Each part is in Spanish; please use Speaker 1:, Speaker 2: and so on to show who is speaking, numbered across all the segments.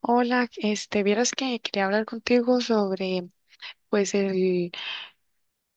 Speaker 1: Hola, vieras que quería hablar contigo sobre, pues, el,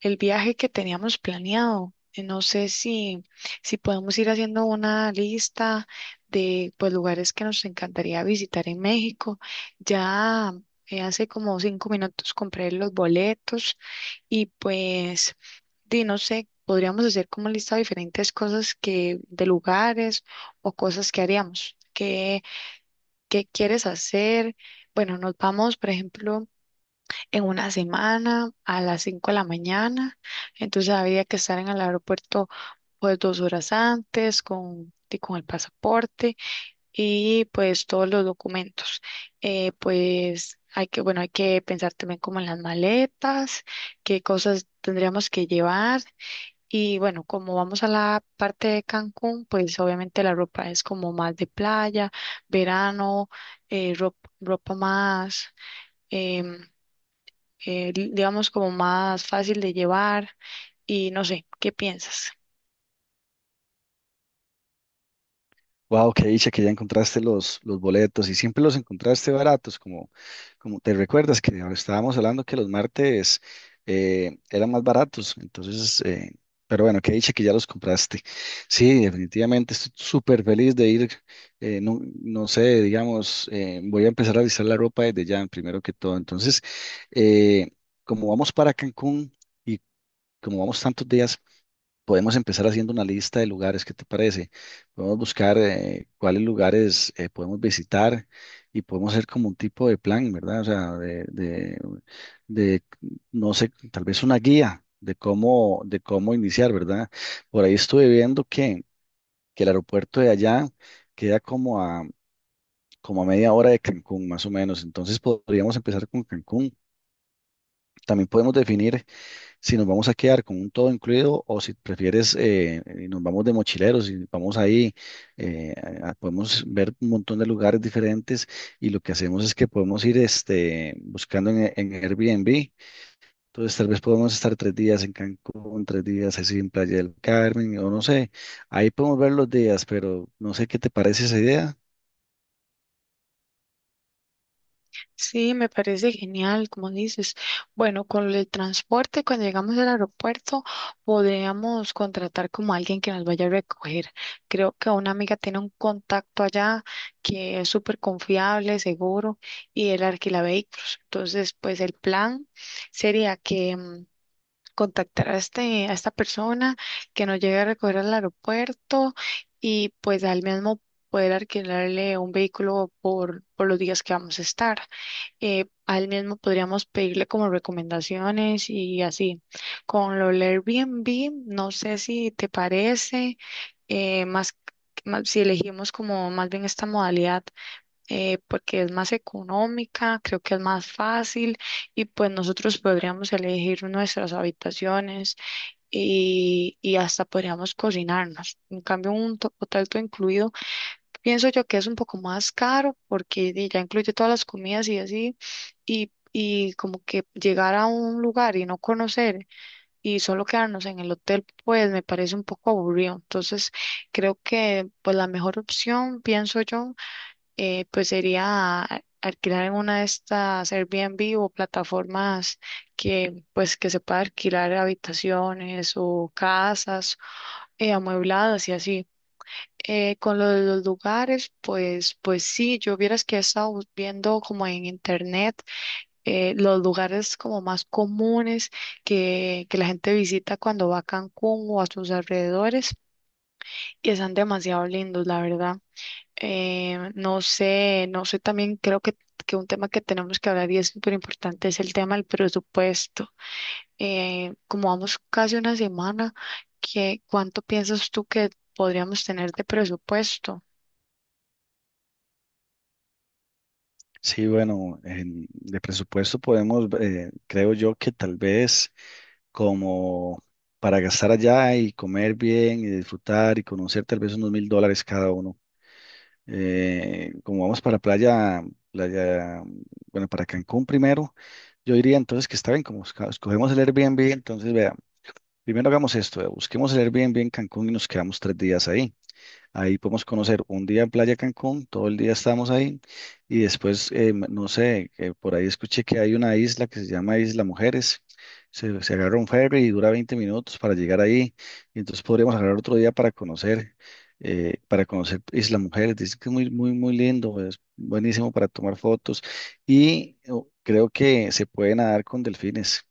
Speaker 1: el viaje que teníamos planeado. No sé si podemos ir haciendo una lista de, pues, lugares que nos encantaría visitar en México. Ya, hace como 5 minutos compré los boletos y, pues, di, no sé, podríamos hacer como lista de diferentes cosas de lugares o cosas que haríamos. ¿Qué quieres hacer? Bueno, nos vamos, por ejemplo, en una semana a las 5 de la mañana. Entonces habría que estar en el aeropuerto pues 2 horas antes y con el pasaporte y pues todos los documentos. Pues bueno, hay que pensar también como en las maletas, qué cosas tendríamos que llevar. Y bueno, como vamos a la parte de Cancún, pues obviamente la ropa es como más de playa, verano, eh, rop- ropa, más, em, digamos, como más fácil de llevar. Y no sé, ¿qué piensas?
Speaker 2: Wow, qué dicha que ya encontraste los boletos y siempre los encontraste baratos, como, como te recuerdas que ahora estábamos hablando que los martes eran más baratos, entonces, pero bueno, qué dicha que ya los compraste. Sí, definitivamente estoy súper feliz de ir, no, no sé, digamos, voy a empezar a avisar la ropa desde ya, primero que todo. Entonces, eh, como vamos para Cancún y como vamos tantos días. Podemos empezar haciendo una lista de lugares, ¿qué te parece? Podemos buscar cuáles lugares podemos visitar y podemos hacer como un tipo de plan, ¿verdad? O sea, de, no sé, tal vez una guía de cómo iniciar, ¿verdad? Por ahí estuve viendo que el aeropuerto de allá queda como a media hora de Cancún, más o menos. Entonces podríamos empezar con Cancún. También podemos definir si nos vamos a quedar con un todo incluido o si prefieres y nos vamos de mochileros y vamos ahí, eh, podemos ver un montón de lugares diferentes y lo que hacemos es que podemos ir este, buscando en Airbnb. Entonces tal vez podemos estar 3 días en Cancún, 3 días así en Playa del Carmen o no sé, ahí podemos ver los días, pero no sé qué te parece esa idea.
Speaker 1: Sí, me parece genial, como dices. Bueno, con el transporte, cuando llegamos al aeropuerto, podríamos contratar como alguien que nos vaya a recoger. Creo que una amiga tiene un contacto allá que es súper confiable, seguro, y él alquila vehículos. Entonces, pues el plan sería contactar a esta persona que nos llegue a recoger al aeropuerto y pues al mismo poder alquilarle un vehículo por los días que vamos a estar. A él mismo podríamos pedirle como recomendaciones y así. Con lo del Airbnb, no sé si te parece, eh, más, si elegimos como más bien esta modalidad, porque es más económica, creo que es más fácil y pues nosotros podríamos elegir nuestras habitaciones y hasta podríamos cocinarnos. En cambio, un hotel todo incluido. Pienso yo que es un poco más caro porque di, ya incluye todas las comidas y así, y como que llegar a un lugar y no conocer y solo quedarnos en el hotel, pues me parece un poco aburrido. Entonces, creo que pues la mejor opción, pienso yo, pues sería alquilar en una de estas Airbnb o plataformas que pues que se pueda alquilar habitaciones o casas amuebladas y así. Con lo de los lugares, pues sí, yo vieras que he estado viendo como en internet los lugares como más comunes que la gente visita cuando va a Cancún o a sus alrededores y están demasiado lindos, la verdad. No sé, también creo que un tema que tenemos que hablar y es súper importante es el tema del presupuesto. Como vamos casi una semana, ¿cuánto piensas tú que podríamos tener de presupuesto?
Speaker 2: Sí, bueno, en- de presupuesto podemos, creo yo que tal vez, como para gastar allá y comer bien y disfrutar y conocer tal vez unos 1.000 dólares cada uno. Como vamos para playa, playa, bueno, para Cancún primero, yo diría entonces que está bien, como escogemos el Airbnb, entonces vea, primero hagamos esto, vea, busquemos el Airbnb en Cancún y nos quedamos 3 días ahí. Ahí podemos conocer un día en Playa Cancún, todo el día estamos ahí y después, no sé, que por ahí escuché que hay una isla que se llama Isla Mujeres. Se agarra un ferry y dura 20 minutos para llegar ahí. Y entonces podríamos agarrar otro día para conocer Isla Mujeres. Dice que es muy, muy, muy lindo, es buenísimo para tomar fotos y oh, creo que se puede nadar con delfines.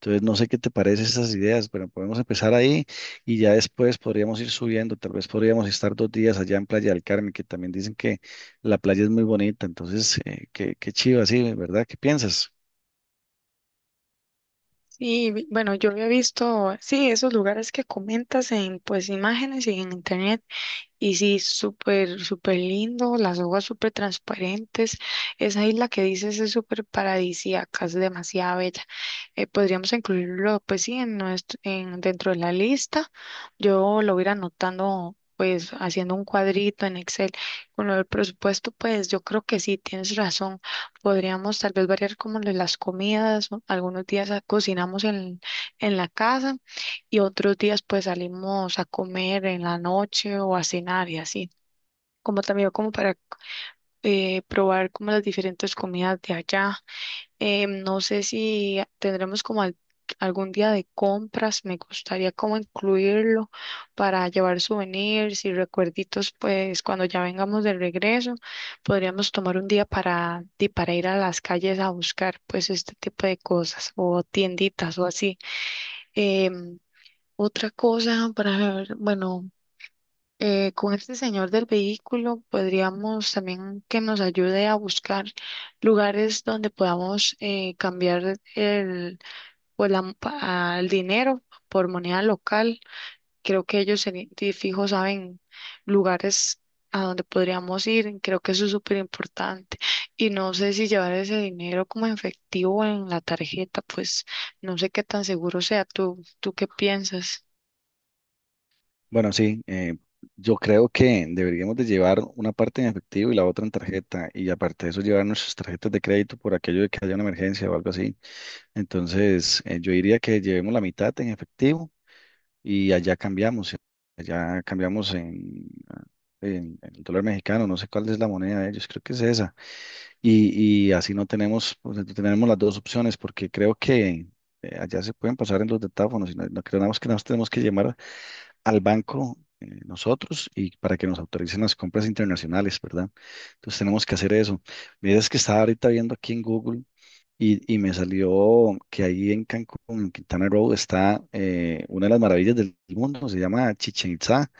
Speaker 2: Entonces, no sé qué te parecen esas ideas, pero podemos empezar ahí y ya después podríamos ir subiendo. Tal vez podríamos estar 2 días allá en Playa del Carmen, que también dicen que la playa es muy bonita. Entonces, qué, qué chiva, sí, ¿verdad? ¿Qué piensas?
Speaker 1: Sí, bueno, yo había visto, sí, esos lugares que comentas en pues imágenes y en internet. Y sí, súper, súper lindo, las hojas súper transparentes. Esa isla que dices es súper paradisíaca, es demasiado bella. Podríamos incluirlo, pues sí, dentro de la lista. Yo lo voy a ir anotando, pues haciendo un cuadrito en Excel. Con lo del presupuesto, pues yo creo que sí, tienes razón. Podríamos tal vez variar como lo de las comidas, o algunos días cocinamos en la casa y otros días pues salimos a comer en la noche o a cenar y así, como también como para probar como las diferentes comidas de allá. No sé si tendremos como algún día de compras, me gustaría como incluirlo para llevar souvenirs y recuerditos, pues cuando ya vengamos de regreso, podríamos tomar un día para ir a las calles a buscar pues este tipo de cosas o tienditas o así. Em, otra cosa para ver, bueno, con este señor del vehículo podríamos también que nos ayude a buscar lugares donde podamos cambiar el, o la- pa- el dinero por moneda local. Creo que ellos de fijo saben lugares a donde podríamos ir. Creo que eso es súper importante. Y no sé si llevar ese dinero como en efectivo o en la tarjeta, pues no sé qué tan seguro sea. ¿Tú qué piensas?
Speaker 2: Bueno, sí, yo creo que deberíamos de llevar una parte en efectivo y la otra en tarjeta. Y aparte de eso, llevar nuestras tarjetas de crédito por aquello de que haya una emergencia o algo así. Entonces, yo diría que llevemos la mitad en efectivo y allá cambiamos en el dólar mexicano, no sé cuál es la moneda de ellos, creo que es esa. Y así no tenemos, pues, no tenemos las dos opciones porque creo que allá se pueden pasar en los detáfonos y no, no creemos que nos tenemos que llamar al banco nosotros y para que nos autoricen las compras internacionales, ¿verdad? Entonces tenemos que hacer eso. Mira, es que estaba ahorita viendo aquí en Google y me salió que ahí en Cancún, en Quintana Roo, está una de las maravillas del mundo, se llama Chichen Itzá.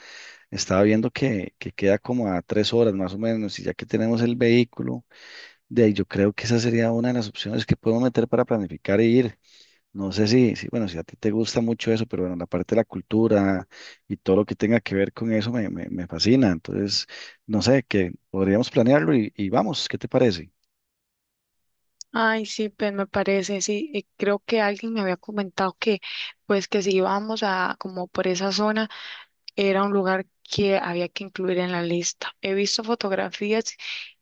Speaker 2: Estaba viendo que queda como a 3 horas más o menos, y ya que tenemos el vehículo, de ahí yo creo que esa sería una de las opciones que podemos meter para planificar e ir. No sé si, bueno, si a ti te gusta mucho eso, pero bueno, la parte de la cultura y todo lo que tenga que ver con eso me fascina. Entonces, no sé, que podríamos planearlo y vamos, ¿qué te parece?
Speaker 1: Ay, sí, pues me parece, sí, y creo que alguien me había comentado pues que si íbamos como por esa zona, era un lugar que había que incluir en la lista. He visto fotografías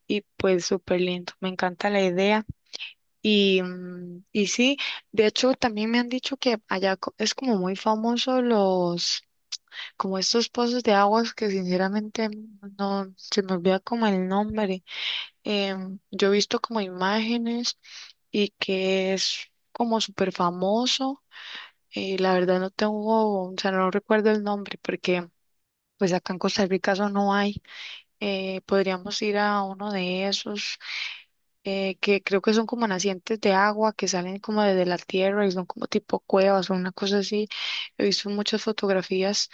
Speaker 1: y pues súper lindo, me encanta la idea. Y sí, de hecho también me han dicho que allá es como muy famoso los, como estos pozos de aguas que sinceramente no, se me olvida como el nombre. Yo he visto como imágenes y que es como súper famoso. La verdad no tengo, o sea, no recuerdo el nombre porque pues acá en Costa Rica eso no hay. Podríamos ir a uno de esos, que creo que son como nacientes de agua que salen como desde la tierra y son como tipo cuevas o una cosa así. He visto muchas fotografías.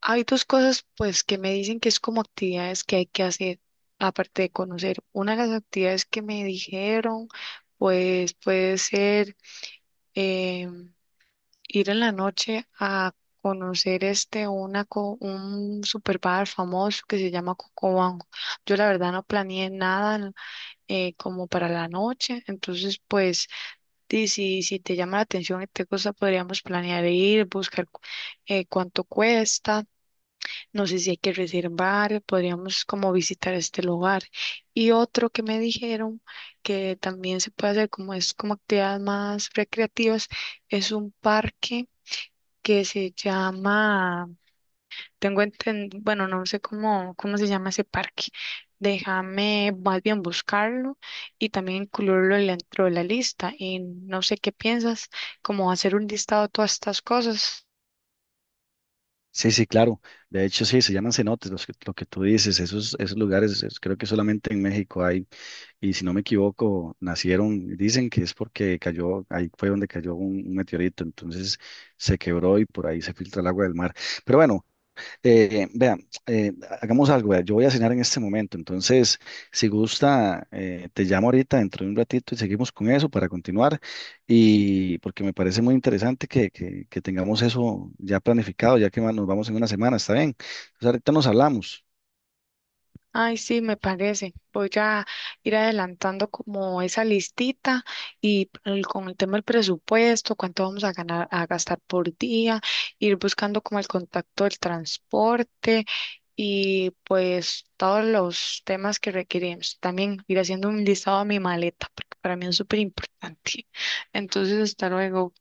Speaker 1: Hay dos cosas, pues, que me dicen que es como actividades que hay que hacer, aparte de conocer. Una de las actividades que me dijeron, pues, puede ser, eh, ir en la noche a conocer un super bar famoso que se llama Cocobanco. Yo la verdad no planeé nada, como para la noche. Entonces, pues, si te llama la atención y te gusta, podríamos planear ir, buscar cuánto cuesta. No sé si hay que reservar, podríamos como visitar este lugar. Y otro que me dijeron que también se puede hacer, como es como actividades más recreativas, es un parque que se llama, tengo entendido, bueno, no sé cómo se llama ese parque. Déjame más bien buscarlo y también incluirlo dentro de la lista. Y no sé qué piensas, como hacer un listado de todas estas cosas.
Speaker 2: Sí, sí, claro. De hecho, sí, se llaman cenotes, lo que tú dices, esos lugares, creo que solamente en México hay, y si no me equivoco, nacieron, dicen que es porque ahí fue donde cayó un meteorito, entonces se quebró y por ahí se filtra el agua del mar. Pero bueno, vean, eh, hagamos algo, vea, yo voy a cenar en este momento, entonces, si gusta, te llamo ahorita dentro de un ratito y seguimos con eso para continuar. Y porque me parece muy interesante que tengamos eso ya planificado, ya que nos vamos en una semana, ¿está bien? Entonces, ahorita nos hablamos.
Speaker 1: Ay, sí, me parece. Voy a ir adelantando como esa listita y con el tema del presupuesto, cuánto vamos a gastar por día, ir buscando como el contacto del transporte y pues todos los temas que requerimos. También ir haciendo un listado a mi maleta, porque para mí es súper importante. Entonces, hasta luego.